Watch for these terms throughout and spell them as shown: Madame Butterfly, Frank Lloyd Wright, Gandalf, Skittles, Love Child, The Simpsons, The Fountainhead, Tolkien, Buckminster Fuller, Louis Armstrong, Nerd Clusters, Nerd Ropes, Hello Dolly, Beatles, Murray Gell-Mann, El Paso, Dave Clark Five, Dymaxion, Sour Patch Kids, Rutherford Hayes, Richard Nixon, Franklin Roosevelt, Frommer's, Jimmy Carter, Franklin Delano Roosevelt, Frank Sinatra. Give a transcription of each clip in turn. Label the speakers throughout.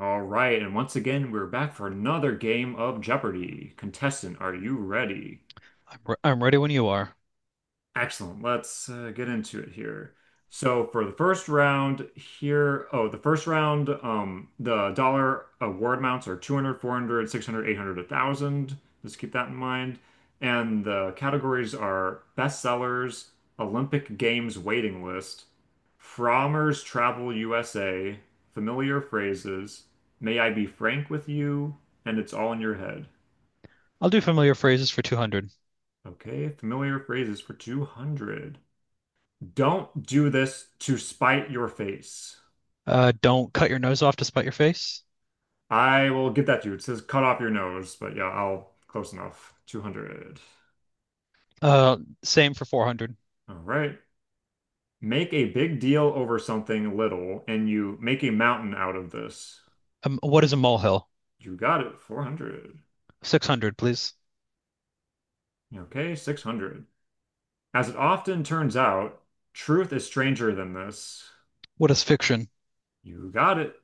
Speaker 1: All right, and once again, we're back for another game of Jeopardy! Contestant, are you ready?
Speaker 2: I'm ready when you are.
Speaker 1: Excellent. Let's get into it here. So for the first round here, the dollar award amounts are 200, 400, 600, 800, 1000. Just keep that in mind. And the categories are bestsellers, Olympic Games waiting list, Frommer's Travel USA, familiar phrases, May I be frank with you, and it's all in your head.
Speaker 2: I'll do familiar phrases for 200.
Speaker 1: Okay, familiar phrases for 200. Don't do this to spite your face.
Speaker 2: Don't cut your nose off to spite your face.
Speaker 1: I will give that to you. It says cut off your nose, but yeah, I'll close enough. 200.
Speaker 2: Uh, same for 400.
Speaker 1: All right. Make a big deal over something little, and you make a mountain out of this.
Speaker 2: What is a molehill?
Speaker 1: You got it. 400.
Speaker 2: 600, please.
Speaker 1: Okay, 600. As it often turns out, truth is stranger than this.
Speaker 2: What is fiction?
Speaker 1: You got it.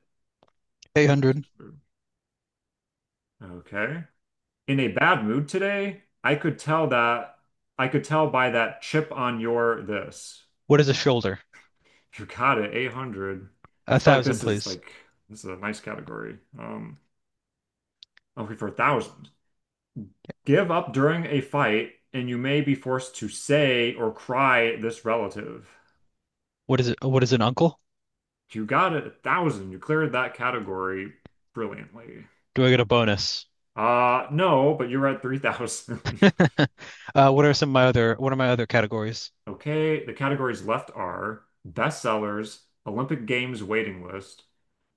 Speaker 1: That's
Speaker 2: 800.
Speaker 1: true. Okay, in a bad mood today, I could tell by that chip on your this.
Speaker 2: What is a shoulder?
Speaker 1: You got it, 800. I
Speaker 2: A
Speaker 1: feel like
Speaker 2: thousand, please.
Speaker 1: this is a nice category. Okay, for a thousand. Give up during a fight and you may be forced to say or cry this relative.
Speaker 2: What is it? What is an uncle?
Speaker 1: You got it, a thousand. You cleared that category brilliantly.
Speaker 2: Do I get a bonus?
Speaker 1: No, but you're at 3,000.
Speaker 2: What are some of my other what are my other categories?
Speaker 1: Okay, the categories left are bestsellers, Olympic Games waiting list,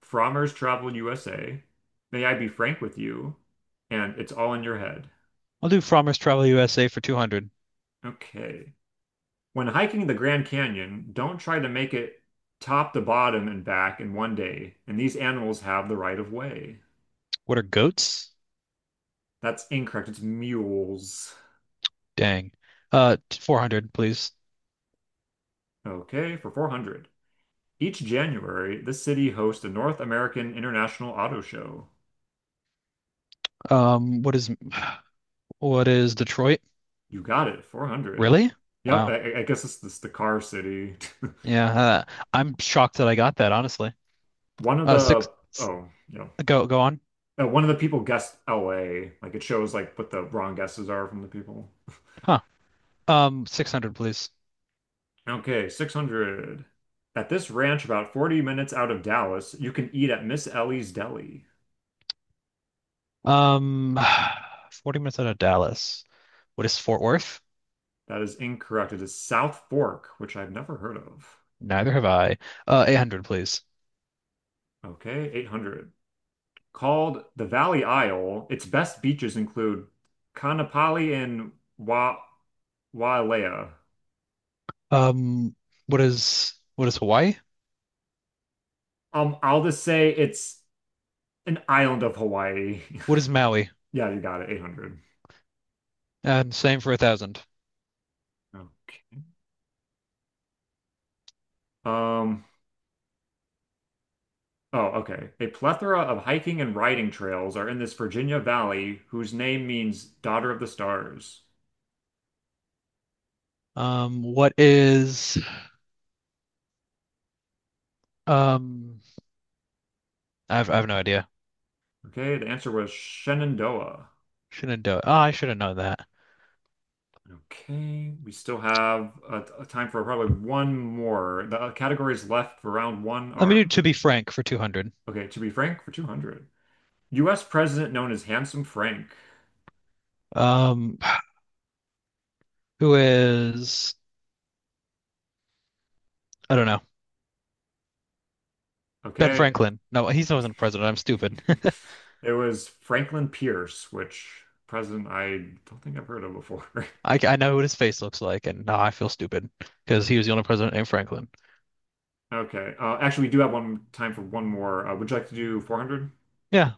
Speaker 1: Frommer's Travel USA, May I Be Frank with You, and It's All in Your Head.
Speaker 2: I'll do Frommer's Travel USA for 200.
Speaker 1: Okay. When hiking the Grand Canyon, don't try to make it top to bottom and back in one day, and these animals have the right of way.
Speaker 2: What are goats?
Speaker 1: That's incorrect. It's mules.
Speaker 2: Dang. 400, please.
Speaker 1: Okay, for 400. Each January, the city hosts a North American International Auto Show.
Speaker 2: Um, what is what is Detroit?
Speaker 1: You got it, 400.
Speaker 2: Really?
Speaker 1: Yep,
Speaker 2: Wow.
Speaker 1: I guess it's this the car city.
Speaker 2: Yeah, uh, I'm shocked that I got that, honestly.
Speaker 1: One of
Speaker 2: Uh, six,
Speaker 1: the
Speaker 2: s-
Speaker 1: Oh, yeah,
Speaker 2: go on.
Speaker 1: one of the people guessed LA. Like it shows like what the wrong guesses are from the people.
Speaker 2: Huh. 600, please.
Speaker 1: Okay, 600. At this ranch about 40 minutes out of Dallas, you can eat at Miss Ellie's Deli.
Speaker 2: Um, 40 minutes out of Dallas. What is Fort Worth?
Speaker 1: That is incorrect. It is South Fork, which I've never heard of.
Speaker 2: Neither have I. 800, please.
Speaker 1: Okay, 800. Called the Valley Isle, its best beaches include Kanapali and Wa Wailea.
Speaker 2: Um, what is Hawaii?
Speaker 1: I'll just say it's an island of Hawaii.
Speaker 2: What is Maui?
Speaker 1: Yeah, you got it. 800.
Speaker 2: And same for a thousand.
Speaker 1: Okay. Um, oh, okay. A plethora of hiking and riding trails are in this Virginia valley whose name means daughter of the stars.
Speaker 2: What is um? I have no idea.
Speaker 1: Okay, the answer was Shenandoah.
Speaker 2: Shouldn't do it. Oh, I should have known that.
Speaker 1: Okay, we still have a time for probably one more. The categories left for round one
Speaker 2: Let me do
Speaker 1: are.
Speaker 2: to be frank for 200.
Speaker 1: Okay, to be frank, for 200. US president known as Handsome Frank.
Speaker 2: Um, who is I don't know. Ben
Speaker 1: Okay.
Speaker 2: Franklin. No, he wasn't president. I'm stupid.
Speaker 1: It was Franklin Pierce, which president I don't think I've heard of before.
Speaker 2: I know what his face looks like, and now I feel stupid because he was the only president named Franklin.
Speaker 1: Okay. Actually, we do have one time for one more. Would you like to do 400?
Speaker 2: Yeah,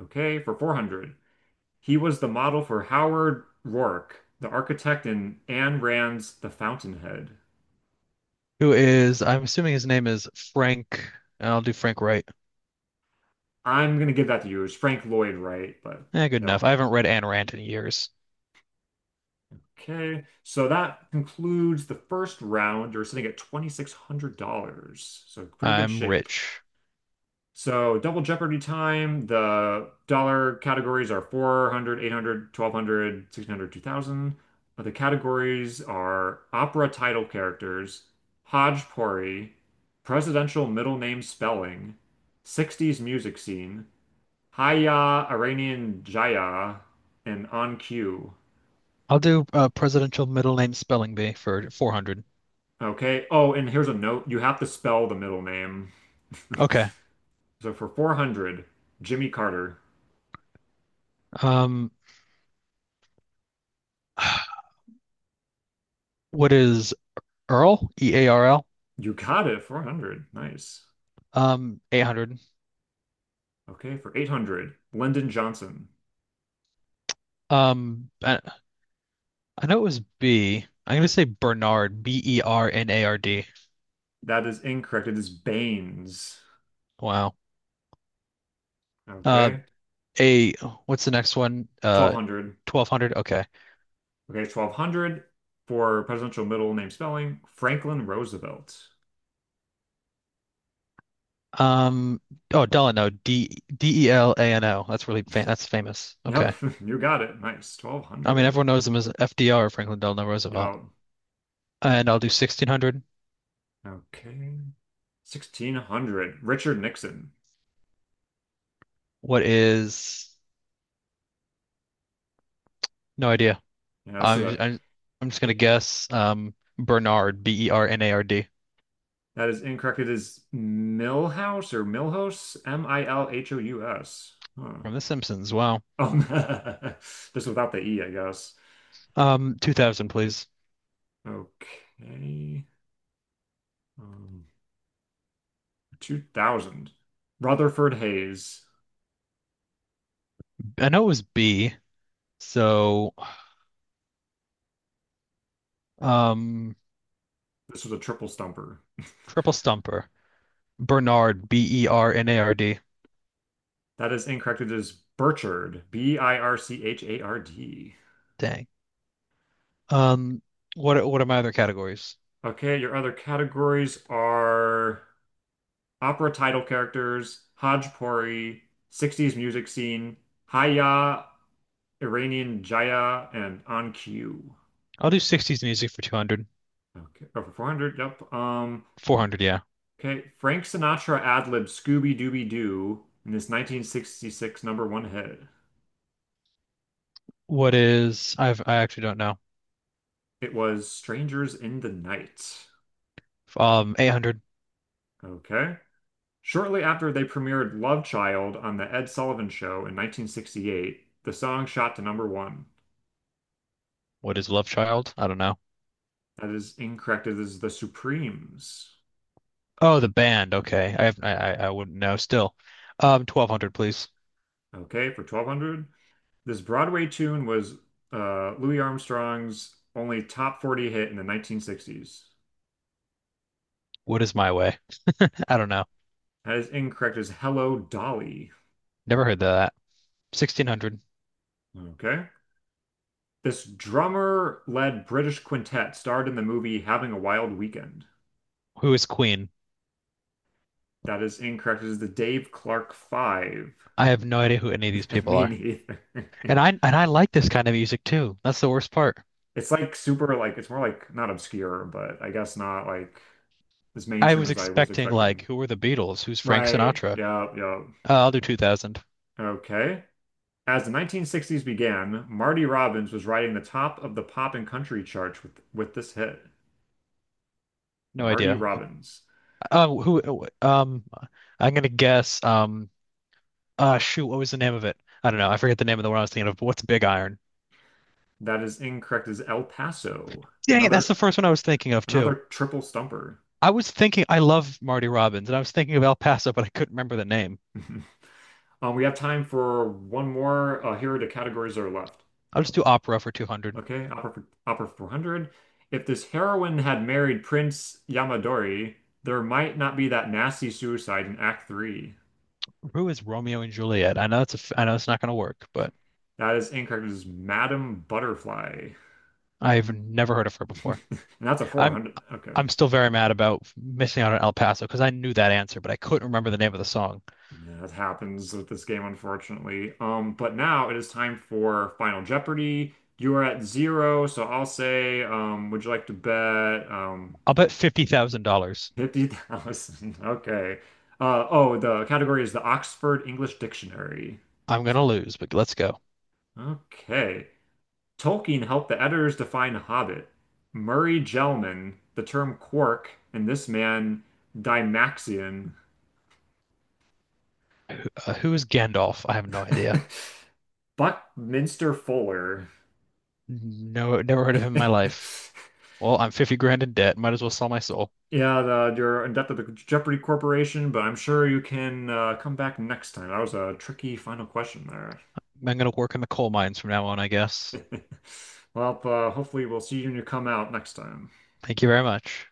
Speaker 1: Okay, for 400. He was the model for Howard Rourke, the architect in Ayn Rand's The Fountainhead.
Speaker 2: who is? I'm assuming his name is Frank, and I'll do Frank Wright.
Speaker 1: I'm going to give that to you. It's Frank Lloyd Wright, but
Speaker 2: Yeah, good
Speaker 1: no.
Speaker 2: enough. I haven't read Ayn Rand in years.
Speaker 1: Okay, so that concludes the first round. You're sitting at $2,600, so pretty good
Speaker 2: I'm
Speaker 1: shape.
Speaker 2: rich.
Speaker 1: So Double Jeopardy time, the dollar categories are 400, 800, 1200, 1600, 2000. The categories are opera title characters, hodgepodge, presidential middle name spelling, 60s music scene, Haya Iranian Jaya, and On Cue.
Speaker 2: I'll do presidential middle name spelling bee for 400.
Speaker 1: Okay. Oh, and here's a note. You have to spell the middle name.
Speaker 2: Okay.
Speaker 1: So for 400, Jimmy Carter.
Speaker 2: Um, what is Earl? E A R L.
Speaker 1: You got it, 400. Nice.
Speaker 2: 800.
Speaker 1: Okay, for 800, Lyndon Johnson.
Speaker 2: Um, I, I know it was B. I'm gonna say Bernard. B E R N A R D.
Speaker 1: That is incorrect. It is Baines.
Speaker 2: Wow. Uh,
Speaker 1: Okay,
Speaker 2: a what's the next one?
Speaker 1: 1200.
Speaker 2: 1200. Okay.
Speaker 1: Okay, 1200 for presidential middle name spelling, Franklin Roosevelt.
Speaker 2: Um, oh, Delano, D E L A N O. That's really fa That's famous. Okay.
Speaker 1: Yep, you got it. Nice.
Speaker 2: I mean, everyone
Speaker 1: 1200.
Speaker 2: knows him as FDR, Franklin Delano Roosevelt.
Speaker 1: Yep.
Speaker 2: And I'll do 1600.
Speaker 1: Okay. 1600, Richard Nixon.
Speaker 2: What is no idea.
Speaker 1: Yeah,
Speaker 2: I'm I'm, I'm just gonna
Speaker 1: it-
Speaker 2: guess. Bernard, B E R N A R D
Speaker 1: that is incorrect. It is Milhouse or Milhouse, Milhous. Huh.
Speaker 2: from The Simpsons. Wow.
Speaker 1: Um, just without the E, I guess.
Speaker 2: 2000, please.
Speaker 1: Okay. Um, 2000. Rutherford Hayes.
Speaker 2: I know it was B. So, um,
Speaker 1: This was a triple stumper.
Speaker 2: Triple stumper. Bernard, B E R N A R D.
Speaker 1: That is incorrect. It is Burchard. Birchard.
Speaker 2: Dang. Um, what are my other categories?
Speaker 1: Okay, your other categories are opera title characters, Hajpuri, 60s music scene, Haya, Iranian Jaya, and On Cue.
Speaker 2: I'll do 60s music for 200.
Speaker 1: Okay, over 400. Yep. Um,
Speaker 2: 400, yeah.
Speaker 1: okay, Frank Sinatra ad-libbed Scooby Dooby Doo in this 1966 number one hit.
Speaker 2: What is I actually don't know.
Speaker 1: It was Strangers in the Night.
Speaker 2: 800.
Speaker 1: Okay. Shortly after they premiered Love Child on The Ed Sullivan Show in 1968, the song shot to number one.
Speaker 2: What is Love Child? I don't know.
Speaker 1: That is incorrect. It is The Supremes.
Speaker 2: Oh, the band. Okay. I have I wouldn't know still. 1200, please.
Speaker 1: Okay, for 1200. This Broadway tune was Louis Armstrong's only top 40 hit in the 1960s.
Speaker 2: What is My Way? I don't know.
Speaker 1: That is incorrect. It is Hello Dolly.
Speaker 2: Never heard of that. 1600.
Speaker 1: Okay. This drummer-led British quintet starred in the movie Having a Wild Weekend.
Speaker 2: Who is Queen?
Speaker 1: That is incorrect. It is the Dave Clark Five.
Speaker 2: I have no idea who any of these people
Speaker 1: Me
Speaker 2: are.
Speaker 1: neither.
Speaker 2: And I and I like this kind of music too. That's the worst part.
Speaker 1: It's like super like it's more like not obscure, but I guess not like as
Speaker 2: I
Speaker 1: mainstream
Speaker 2: was
Speaker 1: as I was
Speaker 2: expecting like
Speaker 1: expecting.
Speaker 2: who were the Beatles? Who's Frank
Speaker 1: Right.
Speaker 2: Sinatra?
Speaker 1: Yeah, yeah.
Speaker 2: I'll do 2000.
Speaker 1: Okay. As the 1960s began, Marty Robbins was riding the top of the pop and country charts with this hit.
Speaker 2: No
Speaker 1: Marty
Speaker 2: idea.
Speaker 1: Robbins.
Speaker 2: Who? Um, I'm gonna guess. Shoot, what was the name of it? I don't know. I forget the name of the one I was thinking of. But what's Big Iron?
Speaker 1: That is incorrect. It is El Paso.
Speaker 2: Dang it, that's
Speaker 1: Another
Speaker 2: the first one I was thinking of too.
Speaker 1: another triple stumper.
Speaker 2: I was thinking I love Marty Robbins, and I was thinking of El Paso, but I couldn't remember the name.
Speaker 1: We have time for one more. Here are the categories that are left.
Speaker 2: I'll just do opera for 200.
Speaker 1: Okay, Opera 400. If this heroine had married Prince Yamadori, there might not be that nasty suicide in Act 3.
Speaker 2: Who is Romeo and Juliet? I know it's not gonna work, but
Speaker 1: That is incorrect. It is Madame Butterfly.
Speaker 2: I've never heard of her
Speaker 1: And
Speaker 2: before.
Speaker 1: that's a
Speaker 2: I'm
Speaker 1: 400. Okay.
Speaker 2: I'm still very mad about missing out on El Paso because I knew that answer, but I couldn't remember the name of the song.
Speaker 1: Yeah, that happens with this game, unfortunately. But now it is time for Final Jeopardy. You are at zero, so I'll say, would you like to bet?
Speaker 2: I'll bet $50,000.
Speaker 1: 50,000. Okay. Oh, the category is the Oxford English Dictionary.
Speaker 2: I'm gonna
Speaker 1: So,
Speaker 2: lose, but let's go.
Speaker 1: okay. Tolkien helped the editors define hobbit. Murray Gell-mann, the term quark, and this man, Dymaxion.
Speaker 2: Who is Gandalf? I have no idea.
Speaker 1: Buckminster Fuller.
Speaker 2: No, never heard of him in my life. Well, I'm 50 grand in debt. Might as well sell my soul.
Speaker 1: Yeah, you're in debt to the Jeopardy Corporation, but I'm sure you can come back next time. That was a tricky final question there.
Speaker 2: I'm gonna work in the coal mines from now on, I guess.
Speaker 1: Well, hopefully we'll see you when you come out next time.
Speaker 2: Thank you very much.